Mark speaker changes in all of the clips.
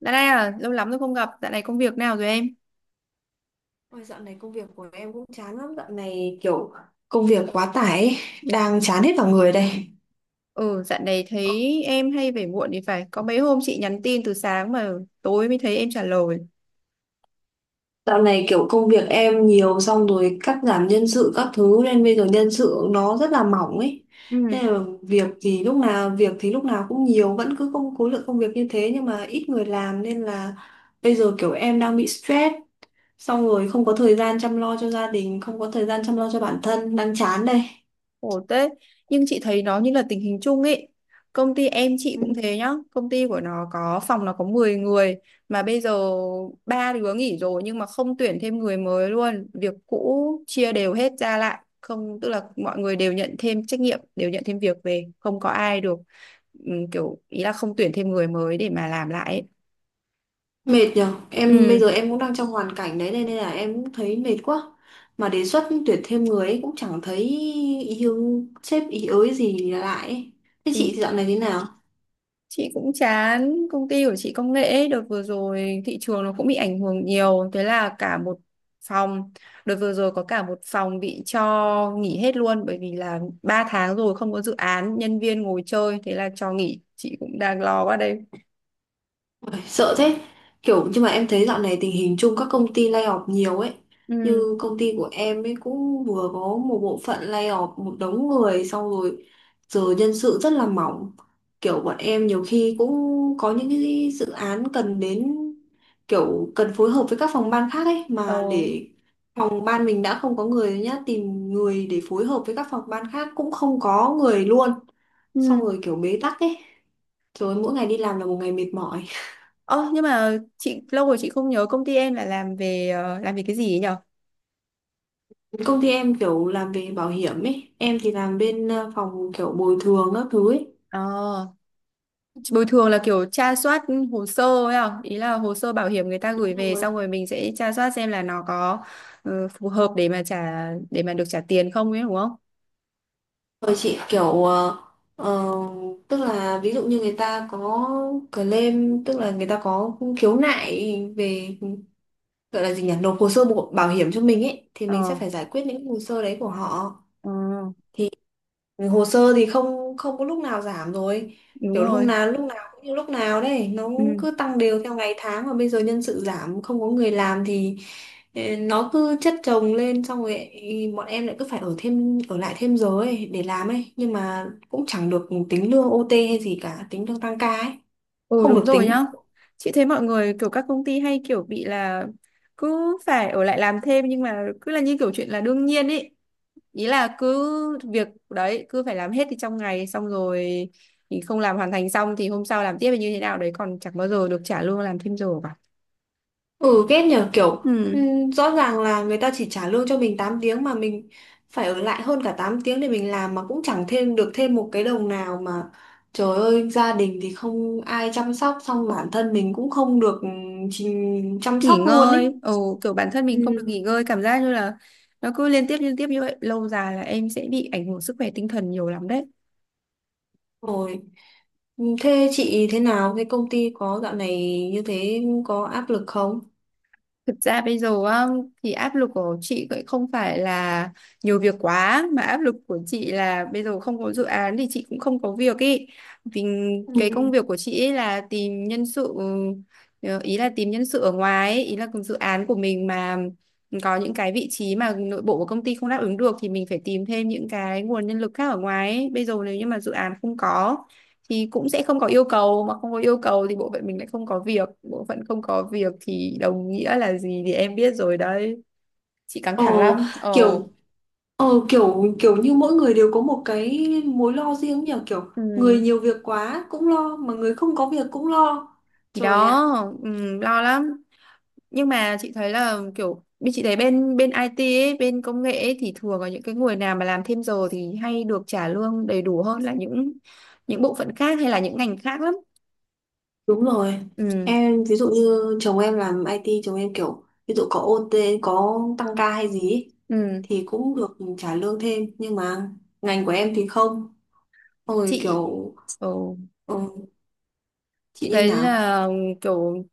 Speaker 1: Dạo này à, lâu lắm rồi không gặp, dạo này công việc nào rồi em?
Speaker 2: Ôi, dạo này công việc của em cũng chán lắm. Dạo này kiểu công việc quá tải ấy, đang chán hết vào người đây.
Speaker 1: Ừ, dạo này thấy em hay về muộn thì phải, có mấy hôm chị nhắn tin từ sáng mà tối mới thấy em trả lời.
Speaker 2: Dạo này kiểu công việc em nhiều, xong rồi cắt giảm nhân sự các thứ, nên bây giờ nhân sự nó rất là mỏng ấy.
Speaker 1: Ừ.
Speaker 2: Nên là việc thì lúc nào cũng nhiều, vẫn cứ khối lượng công việc như thế nhưng mà ít người làm, nên là bây giờ kiểu em đang bị stress, xong rồi không có thời gian chăm lo cho gia đình, không có thời gian chăm lo cho bản thân, đang chán đây.
Speaker 1: Khổ thế, nhưng chị thấy nó như là tình hình chung ấy. Công ty em chị
Speaker 2: Ừ.
Speaker 1: cũng thế nhá, công ty của nó có phòng nó có 10 người mà bây giờ ba đứa nghỉ rồi nhưng mà không tuyển thêm người mới luôn, việc cũ chia đều hết ra lại, không tức là mọi người đều nhận thêm trách nhiệm, đều nhận thêm việc về, không có ai được kiểu ý là không tuyển thêm người mới để mà làm lại ấy.
Speaker 2: Mệt nhở. Em bây
Speaker 1: Ừ.
Speaker 2: giờ em cũng đang trong hoàn cảnh đấy. Nên nên là em cũng thấy mệt quá. Mà đề xuất tuyển thêm người ấy cũng chẳng thấy ý hướng sếp ý ới gì lại ấy. Thế chị
Speaker 1: Thì
Speaker 2: dạo này thế nào?
Speaker 1: chị cũng chán, công ty của chị công nghệ ấy, đợt vừa rồi thị trường nó cũng bị ảnh hưởng nhiều, thế là cả một phòng, đợt vừa rồi có cả một phòng bị cho nghỉ hết luôn bởi vì là 3 tháng rồi không có dự án, nhân viên ngồi chơi, thế là cho nghỉ, chị cũng đang lo quá đây.
Speaker 2: Ôi, sợ thế. Kiểu nhưng mà em thấy dạo này tình hình chung các công ty lay off nhiều ấy.
Speaker 1: Ừ.
Speaker 2: Như công ty của em ấy cũng vừa có một bộ phận lay off một đống người, xong rồi giờ nhân sự rất là mỏng. Kiểu bọn em nhiều khi cũng có những cái dự án cần đến, kiểu cần phối hợp với các phòng ban khác ấy
Speaker 1: Ờ.
Speaker 2: mà, để phòng ban mình đã không có người rồi nhá, tìm người để phối hợp với các phòng ban khác cũng không có người luôn,
Speaker 1: Ừ.
Speaker 2: xong rồi kiểu bế tắc ấy, rồi mỗi ngày đi làm là một ngày mệt mỏi.
Speaker 1: Ơ, nhưng mà chị lâu rồi chị không nhớ công ty em là làm về làm về cái gì ấy nhở?
Speaker 2: Công ty em kiểu làm về bảo hiểm ấy, em thì làm bên phòng kiểu bồi thường các thứ ấy.
Speaker 1: Ờ. Bồi thường là kiểu tra soát hồ sơ ấy à? Ý là hồ sơ bảo hiểm người ta
Speaker 2: Đúng
Speaker 1: gửi về
Speaker 2: rồi.
Speaker 1: xong rồi mình sẽ tra soát xem là nó có phù hợp để mà được trả tiền không ấy đúng không?
Speaker 2: Rồi chị kiểu ờ, tức là ví dụ như người ta có claim, tức là người ta có khiếu nại về, gọi là gì nhỉ, nộp hồ sơ bảo hiểm cho mình ấy, thì mình sẽ
Speaker 1: Ờ,
Speaker 2: phải giải quyết những hồ sơ đấy của họ.
Speaker 1: ờ,
Speaker 2: Thì hồ sơ thì không không có lúc nào giảm rồi.
Speaker 1: đúng
Speaker 2: Kiểu hôm
Speaker 1: rồi.
Speaker 2: nào lúc nào cũng như lúc nào đấy, nó
Speaker 1: Ừ.
Speaker 2: cứ tăng đều theo ngày tháng, mà bây giờ nhân sự giảm, không có người làm thì ê, nó cứ chất chồng lên, xong rồi ý, bọn em lại cứ phải ở lại thêm giờ ấy để làm ấy, nhưng mà cũng chẳng được tính lương OT hay gì cả, tính lương tăng ca ấy,
Speaker 1: Ừ,
Speaker 2: không được
Speaker 1: đúng rồi
Speaker 2: tính.
Speaker 1: nhá. Chị thấy mọi người kiểu các công ty hay kiểu bị là cứ phải ở lại làm thêm nhưng mà cứ là như kiểu chuyện là đương nhiên ấy. Ý là cứ việc đấy cứ phải làm hết thì trong ngày xong rồi thì không làm hoàn thành xong thì hôm sau làm tiếp hay như thế nào đấy còn chẳng bao giờ được trả lương làm thêm giờ cả.
Speaker 2: Ừ ghét nhờ, kiểu
Speaker 1: Ừ,
Speaker 2: rõ ràng là người ta chỉ trả lương cho mình 8 tiếng, mà mình phải ở lại hơn cả 8 tiếng để mình làm, mà cũng chẳng thêm được thêm một cái đồng nào mà, trời ơi gia đình thì không ai chăm sóc, xong bản thân mình cũng không được chăm
Speaker 1: nghỉ
Speaker 2: sóc luôn
Speaker 1: ngơi,
Speaker 2: ấy.
Speaker 1: ừ, kiểu bản thân
Speaker 2: Ừ.
Speaker 1: mình không được nghỉ ngơi, cảm giác như là nó cứ liên tiếp như vậy, lâu dài là em sẽ bị ảnh hưởng sức khỏe tinh thần nhiều lắm đấy.
Speaker 2: Rồi. Ừ, thế chị thế nào? Thế công ty có dạo này như thế có áp lực không?
Speaker 1: Thực ra bây giờ á, thì áp lực của chị cũng không phải là nhiều việc quá, mà áp lực của chị là bây giờ không có dự án thì chị cũng không có việc ý. Vì cái công
Speaker 2: Ừ.
Speaker 1: việc của chị ấy là tìm nhân sự, ý là tìm nhân sự ở ngoài ấy. Ý là dự án của mình mà có những cái vị trí mà nội bộ của công ty không đáp ứng được thì mình phải tìm thêm những cái nguồn nhân lực khác ở ngoài ấy. Bây giờ nếu như mà dự án không có thì cũng sẽ không có yêu cầu, mà không có yêu cầu thì bộ phận mình lại không có việc, bộ phận không có việc thì đồng nghĩa là gì thì em biết rồi đấy, chị căng
Speaker 2: Ờ,
Speaker 1: thẳng lắm.
Speaker 2: Kiểu
Speaker 1: Ồ.
Speaker 2: kiểu kiểu như mỗi người đều có một cái mối lo riêng nhỉ, kiểu
Speaker 1: Ừ.
Speaker 2: người nhiều việc quá cũng lo mà người không có việc cũng lo,
Speaker 1: Thì
Speaker 2: trời
Speaker 1: đó.
Speaker 2: ạ.
Speaker 1: Ừ, lo lắm, nhưng mà chị thấy là kiểu bên chị thấy bên bên IT ấy, bên công nghệ ấy, thì thường là những cái người nào mà làm thêm giờ thì hay được trả lương đầy đủ hơn là những bộ phận khác hay là những ngành khác lắm.
Speaker 2: Đúng rồi.
Speaker 1: Ừ.
Speaker 2: Em ví dụ như chồng em làm IT, chồng em kiểu ví dụ có OT, có tăng ca hay gì ý,
Speaker 1: Ừ.
Speaker 2: thì cũng được trả lương thêm, nhưng mà ngành của em thì không. Xong rồi kiểu,
Speaker 1: chị ồ
Speaker 2: ừ, chị
Speaker 1: chị
Speaker 2: như
Speaker 1: thấy
Speaker 2: nào?
Speaker 1: là kiểu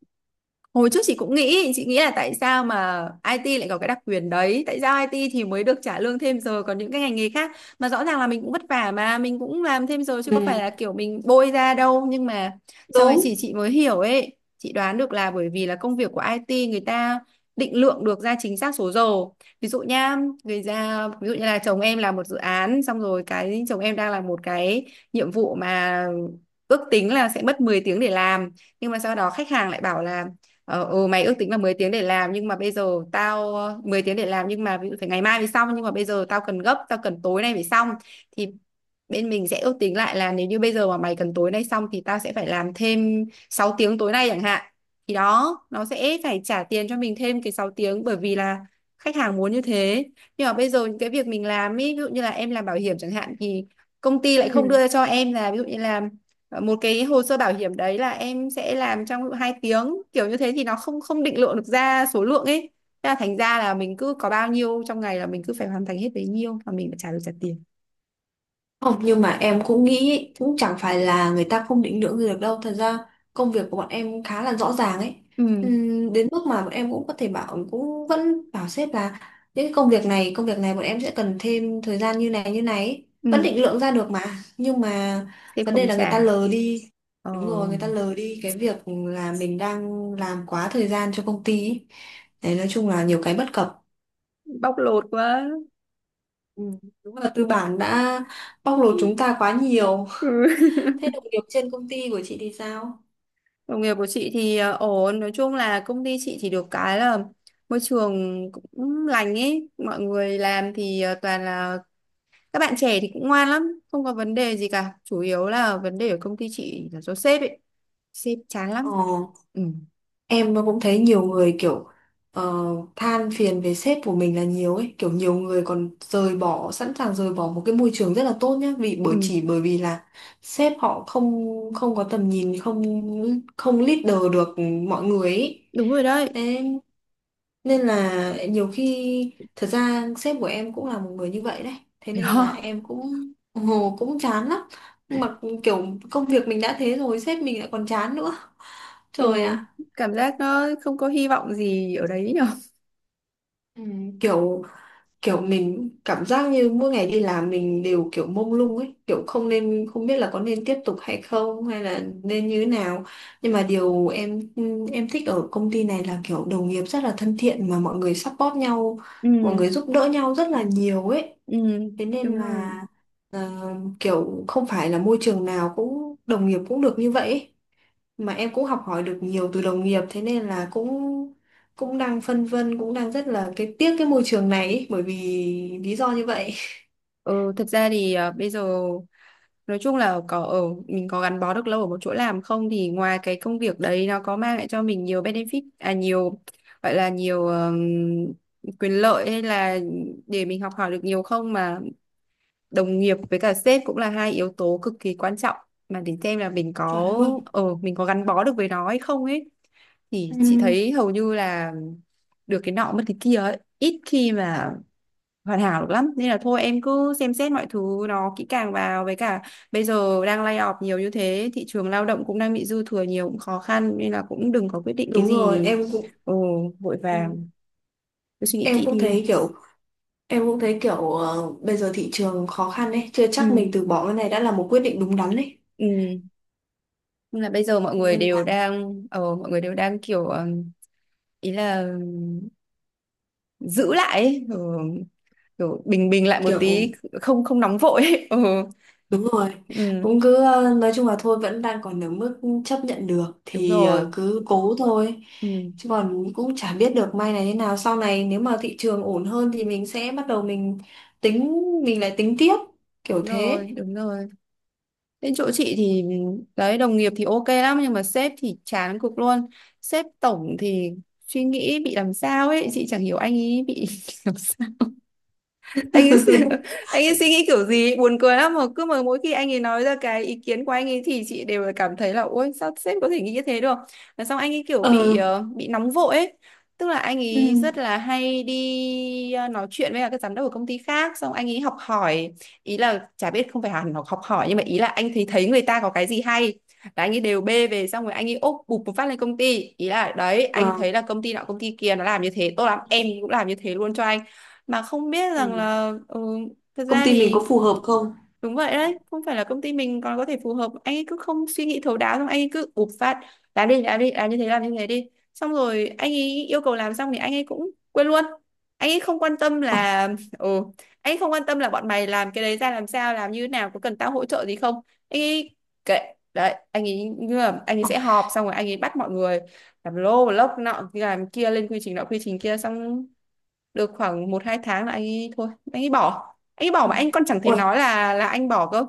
Speaker 1: hồi trước chị cũng nghĩ, chị nghĩ là tại sao mà IT lại có cái đặc quyền đấy, tại sao IT thì mới được trả lương thêm giờ còn những cái ngành nghề khác mà rõ ràng là mình cũng vất vả mà mình cũng làm thêm giờ chứ có phải
Speaker 2: Ừ,
Speaker 1: là kiểu mình bôi ra đâu, nhưng mà sau đấy
Speaker 2: đúng.
Speaker 1: chị mới hiểu ấy, chị đoán được là bởi vì là công việc của IT người ta định lượng được ra chính xác số giờ. Ví dụ nha, người ra ví dụ như là chồng em làm một dự án, xong rồi cái chồng em đang làm một cái nhiệm vụ mà ước tính là sẽ mất 10 tiếng để làm, nhưng mà sau đó khách hàng lại bảo là ừ, mày ước tính là 10 tiếng để làm nhưng mà bây giờ tao mười tiếng để làm nhưng mà ví dụ phải ngày mai mới xong nhưng mà bây giờ tao cần gấp, tao cần tối nay phải xong, thì bên mình sẽ ước tính lại là nếu như bây giờ mà mày cần tối nay xong thì tao sẽ phải làm thêm 6 tiếng tối nay chẳng hạn, thì đó nó sẽ phải trả tiền cho mình thêm cái 6 tiếng bởi vì là khách hàng muốn như thế. Nhưng mà bây giờ những cái việc mình làm ý, ví dụ như là em làm bảo hiểm chẳng hạn thì công ty lại không
Speaker 2: Ừ.
Speaker 1: đưa cho em là, ví dụ như là một cái hồ sơ bảo hiểm đấy là em sẽ làm trong 2 tiếng, kiểu như thế thì nó không không định lượng được ra số lượng ấy. Thế là thành ra là mình cứ có bao nhiêu trong ngày là mình cứ phải hoàn thành hết bấy nhiêu, và mình phải được trả tiền.
Speaker 2: Không, nhưng mà em cũng nghĩ ấy, cũng chẳng phải là người ta không định lượng gì được đâu. Thật ra công việc của bọn em khá là rõ ràng ấy.
Speaker 1: Ừ.
Speaker 2: Đến mức mà bọn em cũng có thể bảo cũng vẫn bảo sếp là những cái công việc này bọn em sẽ cần thêm thời gian như này ấy. Vẫn
Speaker 1: Ừ.
Speaker 2: định lượng ra được mà. Nhưng mà
Speaker 1: Thế
Speaker 2: vấn đề
Speaker 1: không
Speaker 2: là người ta
Speaker 1: trả.
Speaker 2: lờ đi.
Speaker 1: ờ,
Speaker 2: Đúng rồi, người ta lờ đi cái việc là mình đang làm quá thời gian cho công ty ấy. Đấy, nói chung là nhiều cái bất cập.
Speaker 1: Bóc lột quá.
Speaker 2: Ừ, đúng là tư bản đã bóc lột
Speaker 1: Ừ.
Speaker 2: chúng ta quá nhiều. Thế đồng nghiệp trên công ty của chị thì sao?
Speaker 1: Đồng nghiệp của chị thì ổn, nói chung là công ty chị thì được cái là môi trường cũng lành ấy, mọi người làm thì toàn là các bạn trẻ thì cũng ngoan lắm, không có vấn đề gì cả. Chủ yếu là vấn đề ở công ty chị là do sếp ấy. Sếp chán lắm.
Speaker 2: Ờ,
Speaker 1: Ừ,
Speaker 2: em cũng thấy nhiều người kiểu ờ, than phiền về sếp của mình là nhiều ấy, kiểu nhiều người còn rời bỏ, sẵn sàng rời bỏ một cái môi trường rất là tốt nhá, vì bởi
Speaker 1: ừ,
Speaker 2: chỉ bởi vì là sếp họ không không có tầm nhìn, không không leader được mọi người ấy.
Speaker 1: đúng rồi đấy.
Speaker 2: Thế nên là nhiều khi thật ra sếp của em cũng là một người như vậy đấy, thế
Speaker 1: Thấy
Speaker 2: nên
Speaker 1: không?
Speaker 2: là em cũng cũng chán lắm, mà kiểu công việc mình đã thế rồi sếp mình lại còn chán nữa,
Speaker 1: Ừ,
Speaker 2: trời ạ.
Speaker 1: cảm giác nó không có hy vọng gì ở đấy nhở.
Speaker 2: Ừ, kiểu kiểu mình cảm giác như mỗi ngày đi làm mình đều kiểu mông lung ấy, kiểu không biết là có nên tiếp tục hay không hay là nên như thế nào, nhưng mà điều em thích ở công ty này là kiểu đồng nghiệp rất là thân thiện, mà mọi người support nhau,
Speaker 1: Ừ,
Speaker 2: mọi người giúp đỡ nhau rất là nhiều ấy,
Speaker 1: ừ,
Speaker 2: thế nên
Speaker 1: đúng
Speaker 2: là
Speaker 1: rồi.
Speaker 2: ờ, kiểu không phải là môi trường nào cũng đồng nghiệp cũng được như vậy ấy. Mà em cũng học hỏi được nhiều từ đồng nghiệp, thế nên là cũng cũng đang phân vân, cũng đang rất là cái tiếc cái môi trường này ấy, bởi vì lý do như vậy.
Speaker 1: Ừ, thật ra thì à, bây giờ nói chung là có ở mình có gắn bó được lâu ở một chỗ làm không thì ngoài cái công việc đấy nó có mang lại cho mình nhiều benefit à, nhiều gọi là nhiều quyền lợi hay là để mình học hỏi được nhiều không, mà đồng nghiệp với cả sếp cũng là hai yếu tố cực kỳ quan trọng mà để xem là
Speaker 2: Chuẩn luôn.
Speaker 1: mình có gắn bó được với nó hay không ấy, thì chị
Speaker 2: Ừ,
Speaker 1: thấy hầu như là được cái nọ mất cái kia ấy, ít khi mà hoàn hảo được lắm nên là thôi em cứ xem xét mọi thứ nó kỹ càng vào, với cả bây giờ đang lay off nhiều như thế, thị trường lao động cũng đang bị dư thừa nhiều cũng khó khăn nên là cũng đừng có quyết định cái
Speaker 2: đúng rồi,
Speaker 1: gì
Speaker 2: em cũng
Speaker 1: ồ vội
Speaker 2: ừ.
Speaker 1: vàng, cứ suy nghĩ
Speaker 2: em
Speaker 1: kỹ
Speaker 2: cũng
Speaker 1: đi.
Speaker 2: thấy kiểu em cũng thấy kiểu bây giờ thị trường khó khăn ấy, chưa chắc
Speaker 1: Ừ.
Speaker 2: mình từ bỏ cái này đã là một quyết định đúng đắn ấy.
Speaker 1: Ừ. Nhưng là bây giờ mọi
Speaker 2: Thế
Speaker 1: người
Speaker 2: nên
Speaker 1: đều
Speaker 2: là
Speaker 1: đang ờ, mọi người đều đang kiểu ý là giữ lại ấy, kiểu bình bình lại một
Speaker 2: kiểu.
Speaker 1: tí, không không nóng vội ấy. Ờ.
Speaker 2: Đúng rồi,
Speaker 1: Ừ,
Speaker 2: cũng cứ nói chung là thôi vẫn đang còn ở mức chấp nhận được
Speaker 1: đúng
Speaker 2: thì
Speaker 1: rồi.
Speaker 2: cứ cố thôi.
Speaker 1: Ừ,
Speaker 2: Chứ còn cũng chả biết được may này thế nào. Sau này nếu mà thị trường ổn hơn thì mình sẽ bắt đầu mình tính, mình lại tính tiếp kiểu
Speaker 1: đúng
Speaker 2: thế.
Speaker 1: rồi, đúng rồi. Đến chỗ chị thì đấy, đồng nghiệp thì ok lắm nhưng mà sếp thì chán cực luôn. Sếp tổng thì suy nghĩ bị làm sao ấy, chị chẳng hiểu anh ấy bị làm sao. anh ấy suy- anh ấy suy nghĩ kiểu gì ấy, buồn cười lắm, mà cứ mà mỗi khi anh ấy nói ra cái ý kiến của anh ấy thì chị đều là cảm thấy là ôi sao sếp có thể nghĩ như thế được, và xong anh ấy kiểu
Speaker 2: Ờ,
Speaker 1: bị nóng vội ấy, tức là anh
Speaker 2: ừ,
Speaker 1: ấy rất là hay đi nói chuyện với cả các giám đốc của công ty khác xong anh ấy học hỏi, ý là chả biết không phải hẳn học học hỏi nhưng mà ý là anh thấy thấy người ta có cái gì hay là anh ấy đều bê về xong rồi anh ấy úp bụp một phát lên công ty, ý là đấy anh
Speaker 2: ờ,
Speaker 1: thấy là công ty nọ công ty kia nó làm như thế tốt lắm, em cũng làm như thế luôn cho anh mà không biết rằng
Speaker 2: ừ.
Speaker 1: là thật
Speaker 2: Công
Speaker 1: ra
Speaker 2: ty mình
Speaker 1: thì...
Speaker 2: có phù hợp không?
Speaker 1: Đúng vậy
Speaker 2: Ừ.
Speaker 1: đấy, không phải là công ty mình còn có thể phù hợp. Anh ấy cứ không suy nghĩ thấu đáo, xong anh ấy cứ ụp phạt. Làm đi, làm đi, làm như thế đi. Xong rồi anh ấy yêu cầu làm xong thì anh ấy cũng quên luôn. Anh ấy không quan tâm
Speaker 2: Ôi,
Speaker 1: là... Ừ, anh ấy không quan tâm là bọn mày làm cái đấy ra làm sao, làm như thế nào, có cần tao hỗ trợ gì không. Anh ấy kệ. Đấy, anh ấy như là anh ấy sẽ họp xong rồi anh ấy bắt mọi người làm lô, lốc, nọ, làm kia, lên quy trình nọ, quy trình kia. Xong được khoảng một hai tháng là anh ấy thôi, anh ấy bỏ, anh bỏ
Speaker 2: ừ.
Speaker 1: mà anh còn chẳng thèm
Speaker 2: Ôi,
Speaker 1: nói là anh bỏ cơ.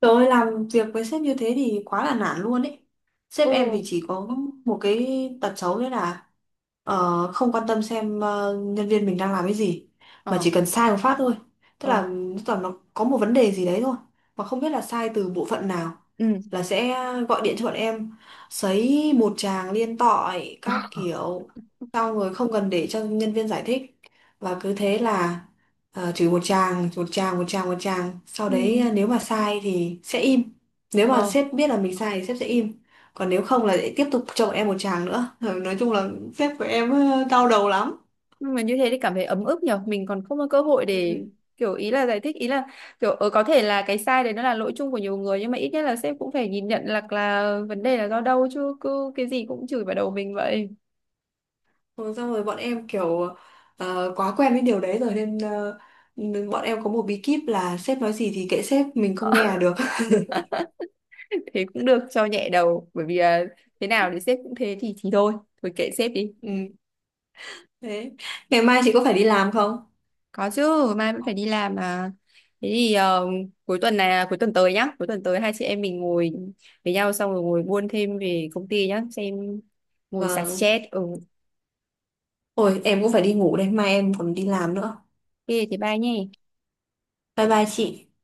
Speaker 2: trời ơi, làm việc với sếp như thế thì quá là nản luôn ấy. Sếp
Speaker 1: Ừ.
Speaker 2: em thì chỉ có một cái tật xấu đấy là không quan tâm xem nhân viên mình đang làm cái gì, mà
Speaker 1: Ờ.
Speaker 2: chỉ cần sai một phát thôi, tức
Speaker 1: Ờ.
Speaker 2: là tức là nó có một vấn đề gì đấy thôi, mà không biết là sai từ bộ phận nào,
Speaker 1: Ừ.
Speaker 2: là sẽ gọi điện cho bọn em, sấy một tràng liên tội các kiểu, xong rồi không cần để cho nhân viên giải thích, và cứ thế là chửi một tràng một tràng một tràng một tràng, sau
Speaker 1: Ừ.
Speaker 2: đấy nếu mà sai thì sẽ im, nếu mà
Speaker 1: ờ
Speaker 2: sếp biết là mình sai thì sếp sẽ im, còn nếu không là lại tiếp tục chồng em một chàng nữa. Rồi nói chung là sếp của em đau đầu lắm.
Speaker 1: nhưng mà như thế thì cảm thấy ấm ức nhở, mình còn không có cơ hội để
Speaker 2: Ừ.
Speaker 1: kiểu ý là giải thích, ý là kiểu có thể là cái sai đấy nó là lỗi chung của nhiều người nhưng mà ít nhất là sếp cũng phải nhìn nhận là vấn đề là do đâu, chứ cứ cái gì cũng chửi vào đầu mình vậy.
Speaker 2: Rồi xong rồi bọn em kiểu quá quen với điều đấy rồi, nên bọn em có một bí kíp là sếp nói gì thì kệ sếp, mình không nghe là được.
Speaker 1: Thế cũng được cho nhẹ đầu, bởi vì thế nào thì sếp cũng thế thì thôi, thôi kệ sếp đi.
Speaker 2: Ừ. Thế ngày mai chị có phải đi làm không?
Speaker 1: Có chứ, mai vẫn phải đi làm mà. Thế thì cuối tuần này, là cuối tuần tới nhá, cuối tuần tới hai chị em mình ngồi với nhau xong rồi ngồi buôn thêm về công ty nhá, xem ngồi xả
Speaker 2: Vâng,
Speaker 1: stress. Ừ, ok,
Speaker 2: ôi em cũng phải đi ngủ đây, mai em còn đi làm nữa.
Speaker 1: thế bye nhé.
Speaker 2: Bye bye chị.